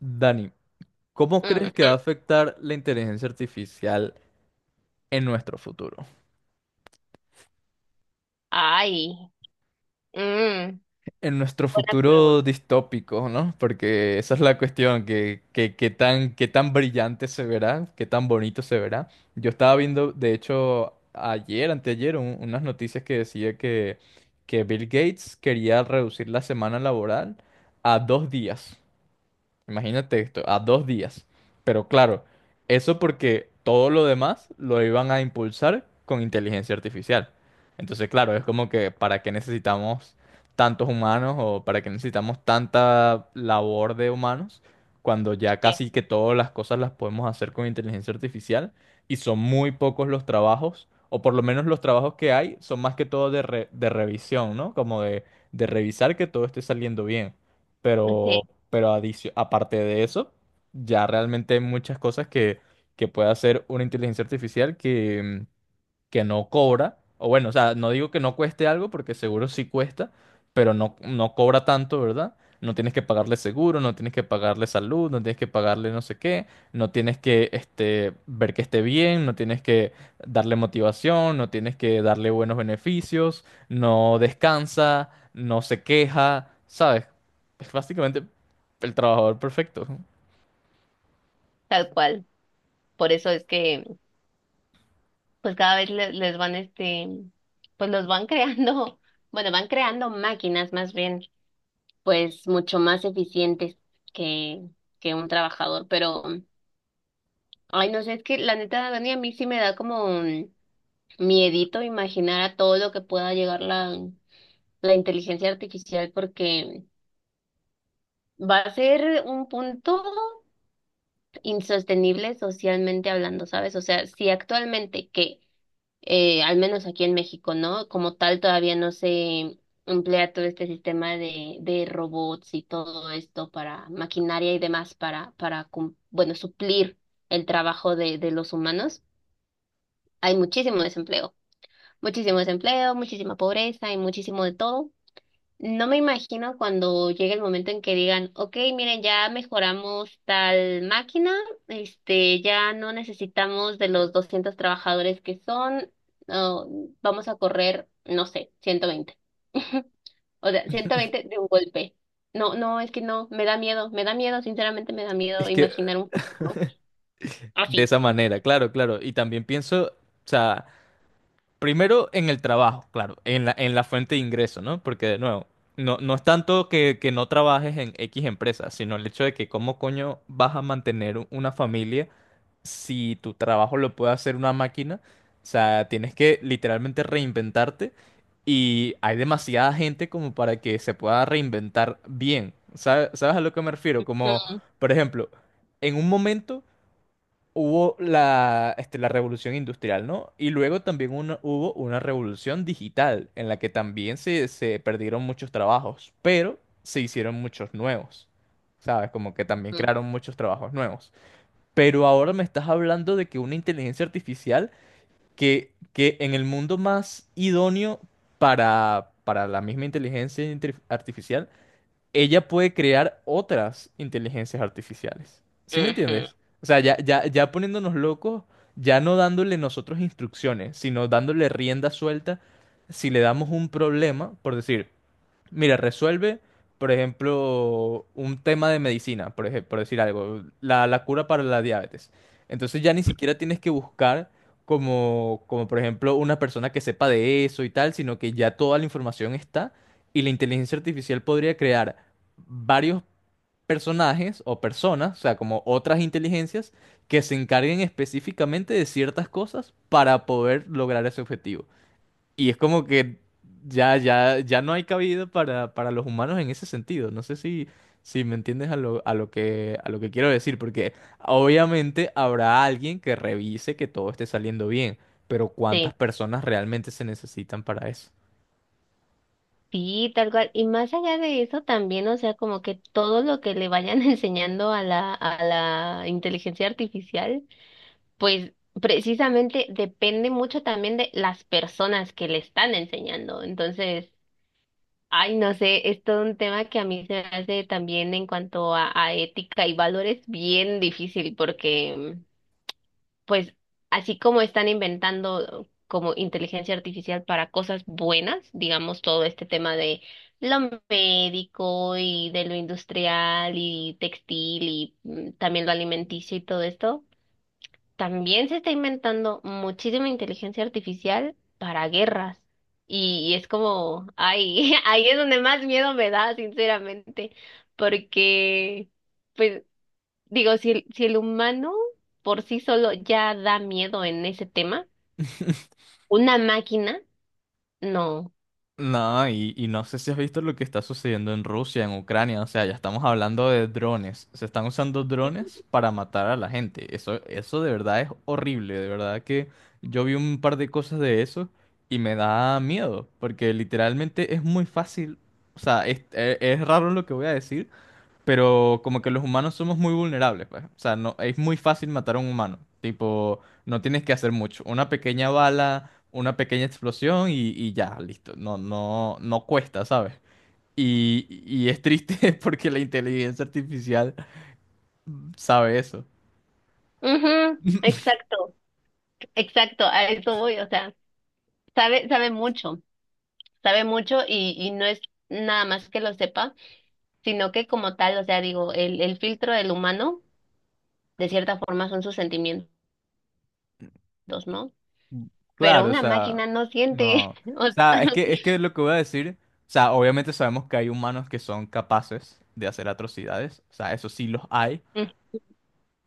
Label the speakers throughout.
Speaker 1: Dani, ¿cómo crees
Speaker 2: Mm,
Speaker 1: que va a
Speaker 2: mm.
Speaker 1: afectar la inteligencia artificial en nuestro futuro?
Speaker 2: Ay, mm,
Speaker 1: En nuestro
Speaker 2: buena
Speaker 1: futuro
Speaker 2: pregunta.
Speaker 1: distópico, ¿no? Porque esa es la cuestión, qué tan brillante se verá, qué tan bonito se verá. Yo estaba viendo, de hecho, ayer, anteayer, unas noticias que decía que Bill Gates quería reducir la semana laboral a 2 días. Imagínate esto, a 2 días. Pero claro, eso porque todo lo demás lo iban a impulsar con inteligencia artificial. Entonces, claro, es como que ¿para qué necesitamos tantos humanos o para qué necesitamos tanta labor de humanos cuando ya
Speaker 2: Sí.
Speaker 1: casi que todas las cosas las podemos hacer con inteligencia artificial y son muy pocos los trabajos, o por lo menos los trabajos que hay son más que todo de revisión, ¿no? Como de revisar que todo esté saliendo bien
Speaker 2: Sí,
Speaker 1: pero, pero aparte de eso, ya realmente hay muchas cosas que puede hacer una inteligencia artificial que no cobra, o bueno, o sea, no digo que no cueste algo porque seguro sí cuesta, pero no, no cobra tanto, ¿verdad? No tienes que pagarle seguro, no tienes que pagarle salud, no tienes que pagarle no sé qué, no tienes que este, ver que esté bien, no tienes que darle motivación, no tienes que darle buenos beneficios, no descansa, no se queja, ¿sabes? Es básicamente el trabajador perfecto.
Speaker 2: tal cual. Por eso es que, pues cada vez les van, pues los van creando, bueno, van creando máquinas más bien. Pues mucho más eficientes que, que un trabajador. Pero, ay, no sé, es que la neta, Dani, a mí sí me da como un miedito imaginar a todo lo que pueda llegar la inteligencia artificial porque va a ser un punto insostenible socialmente hablando, ¿sabes? O sea, si actualmente que, al menos aquí en México, ¿no? Como tal, todavía no se emplea todo este sistema de robots y todo esto para maquinaria y demás para bueno, suplir el trabajo de los humanos. Hay muchísimo desempleo, muchísima pobreza y muchísimo de todo. No me imagino cuando llegue el momento en que digan, ok, miren, ya mejoramos tal máquina. Ya no necesitamos de los 200 trabajadores que son. No, vamos a correr, no sé, 120. O sea, 120 de un golpe. No, no, es que no, me da miedo, sinceramente me da miedo
Speaker 1: Es que
Speaker 2: imaginar un futuro
Speaker 1: de
Speaker 2: así.
Speaker 1: esa manera, claro, claro. Y también pienso, o sea, primero en el trabajo, claro, en la fuente de ingreso, ¿no? Porque de nuevo, no, no es tanto que, no trabajes en X empresa, sino el hecho de que cómo coño vas a mantener una familia si tu trabajo lo puede hacer una máquina. O sea, tienes que literalmente reinventarte y hay demasiada gente como para que se pueda reinventar bien. ¿Sabes, sabes a lo que me refiero? Como,
Speaker 2: Ujú,
Speaker 1: por ejemplo, en un momento hubo la revolución industrial, ¿no? Y luego también hubo una revolución digital en la que también se perdieron muchos trabajos, pero se hicieron muchos nuevos, ¿sabes? Como que también
Speaker 2: ujú.
Speaker 1: crearon muchos trabajos nuevos. Pero ahora me estás hablando de que una inteligencia artificial que en el mundo más idóneo para la misma artificial ella puede crear otras inteligencias artificiales. ¿Sí me entiendes? O sea, ya, ya, ya poniéndonos locos, ya no dándole nosotros instrucciones, sino dándole rienda suelta, si le damos un problema, por decir. Mira, resuelve, por ejemplo, un tema de medicina, por ejemplo, por decir algo, la cura para la diabetes. Entonces ya ni siquiera tienes que buscar como, por ejemplo, una persona que sepa de eso y tal, sino que ya toda la información está y la inteligencia artificial podría crear varios personajes o personas, o sea, como otras inteligencias que se encarguen específicamente de ciertas cosas para poder lograr ese objetivo. Y es como que ya, ya, ya no hay cabida para los humanos en ese sentido. No sé si, si me entiendes a lo que quiero decir, porque obviamente habrá alguien que revise que todo esté saliendo bien, pero ¿cuántas
Speaker 2: Sí.
Speaker 1: personas realmente se necesitan para eso?
Speaker 2: Sí. tal cual. Y más allá de eso también, o sea, como que todo lo que le vayan enseñando a la inteligencia artificial, pues precisamente depende mucho también de las personas que le están enseñando. Entonces, ay, no sé, es todo un tema que a mí se me hace también en cuanto a ética y valores bien difícil porque pues así como están inventando como inteligencia artificial para cosas buenas, digamos todo este tema de lo médico y de lo industrial y textil y también lo alimenticio y todo esto. También se está inventando muchísima inteligencia artificial para guerras. Y es como, ay, ahí es donde más miedo me da, sinceramente, porque. Pues digo, si el humano por sí solo ya da miedo en ese tema, una máquina, no.
Speaker 1: No, y no sé si has visto lo que está sucediendo en Rusia, en Ucrania, o sea, ya estamos hablando de drones, se están usando drones para matar a la gente, eso de verdad es horrible, de verdad que yo vi un par de cosas de eso y me da miedo, porque literalmente es muy fácil, o sea, es raro lo que voy a decir, pero como que los humanos somos muy vulnerables, pues. O sea, no, es muy fácil matar a un humano. Tipo, no tienes que hacer mucho. Una pequeña bala, una pequeña explosión y ya, listo. No, no, no cuesta, ¿sabes? Y es triste porque la inteligencia artificial sabe eso.
Speaker 2: Ujú, exacto, exacto, a eso voy, o sea, sabe, sabe mucho, sabe mucho y no es nada más que lo sepa, sino que como tal, o sea, digo, el filtro del humano, de cierta forma, son sus sentimientos, ¿no? Pero
Speaker 1: Claro, o
Speaker 2: una
Speaker 1: sea,
Speaker 2: máquina no siente.
Speaker 1: no. O
Speaker 2: O sea,
Speaker 1: sea, es que lo que voy a decir, o sea, obviamente sabemos que hay humanos que son capaces de hacer atrocidades. O sea, eso sí los hay.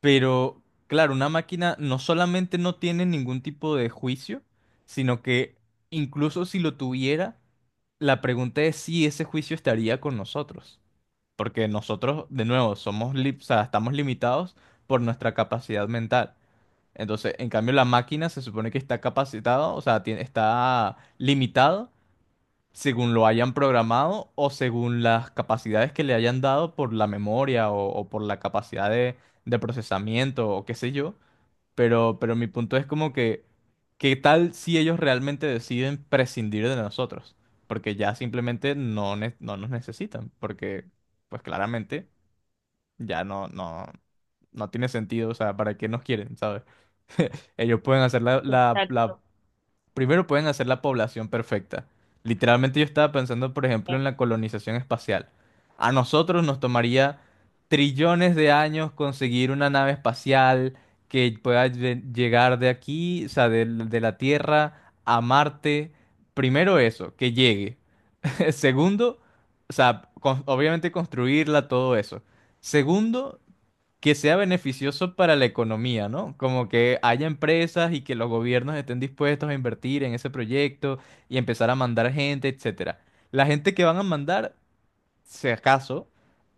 Speaker 1: Pero, claro, una máquina no solamente no tiene ningún tipo de juicio, sino que incluso si lo tuviera, la pregunta es si ese juicio estaría con nosotros. Porque nosotros, de nuevo, o sea, estamos limitados por nuestra capacidad mental. Entonces, en cambio, la máquina se supone que está capacitada, o sea, está limitada según lo hayan programado o según las capacidades que le hayan dado por la memoria o por la capacidad de procesamiento o qué sé yo. Pero mi punto es como que, ¿qué tal si ellos realmente deciden prescindir de nosotros? Porque ya simplemente no nos necesitan, porque pues claramente ya no, no, no tiene sentido, o sea, ¿para qué nos quieren, sabes? Ellos pueden hacer la
Speaker 2: exacto.
Speaker 1: Primero pueden hacer la población perfecta. Literalmente yo estaba pensando, por ejemplo, en la colonización espacial. A nosotros nos tomaría trillones de años conseguir una nave espacial que pueda llegar de aquí, o sea, la Tierra a Marte. Primero eso, que llegue. Segundo, o sea, obviamente construirla, todo eso. Segundo, que sea beneficioso para la economía, ¿no? Como que haya empresas y que los gobiernos estén dispuestos a invertir en ese proyecto y empezar a mandar gente, etcétera. La gente que van a mandar, si acaso,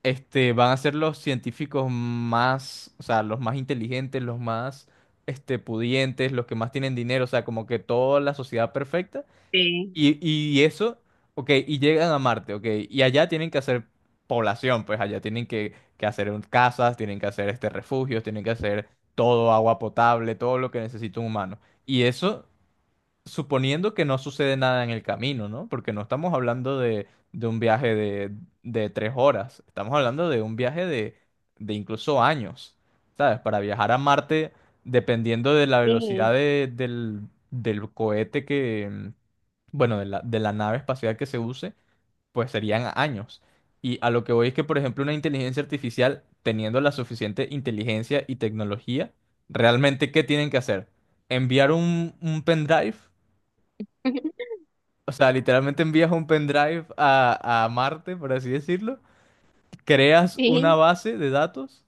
Speaker 1: este, van a ser los científicos más, o sea, los más inteligentes, los más, este, pudientes, los que más tienen dinero, o sea, como que toda la sociedad perfecta
Speaker 2: Sí.
Speaker 1: y eso, ok, y llegan a Marte, ok, y allá tienen que hacer población, pues allá tienen que hacer casas, tienen que hacer este refugios, tienen que hacer todo, agua potable, todo lo que necesita un humano. Y eso suponiendo que no sucede nada en el camino, ¿no? Porque no estamos hablando de un viaje de 3 horas, estamos hablando de un viaje de incluso años, ¿sabes? Para viajar a Marte, dependiendo de la velocidad
Speaker 2: Sí.
Speaker 1: del cohete bueno, de de la nave espacial que se use, pues serían años. Y a lo que voy es que, por ejemplo, una inteligencia artificial, teniendo la suficiente inteligencia y tecnología, realmente, ¿qué tienen que hacer? Enviar un pendrive, o sea, literalmente envías un pendrive a Marte, por así decirlo, creas una
Speaker 2: Sí.
Speaker 1: base de datos.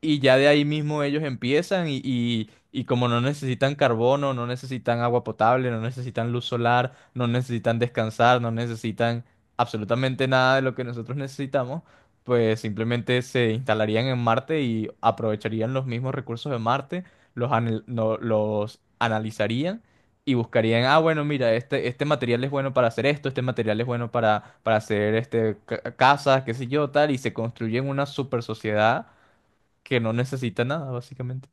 Speaker 1: Y ya de ahí mismo ellos empiezan y como no necesitan carbono, no necesitan agua potable, no necesitan luz solar, no necesitan descansar, no necesitan absolutamente nada de lo que nosotros necesitamos, pues simplemente se instalarían en Marte y aprovecharían los mismos recursos de Marte, los, anal- no- los analizarían y buscarían, ah, bueno, mira, este material es bueno para hacer esto, este material es bueno para hacer este, casas, qué sé yo, tal, y se construyen una super sociedad que no necesita nada, básicamente.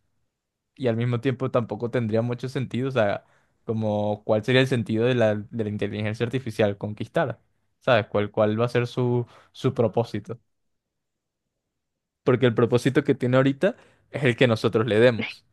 Speaker 1: Y al mismo tiempo tampoco tendría mucho sentido, o sea, como cuál sería el sentido de de la inteligencia artificial, conquistar, ¿sabes? Cuál va a ser su propósito? Porque el propósito que tiene ahorita es el que nosotros le demos.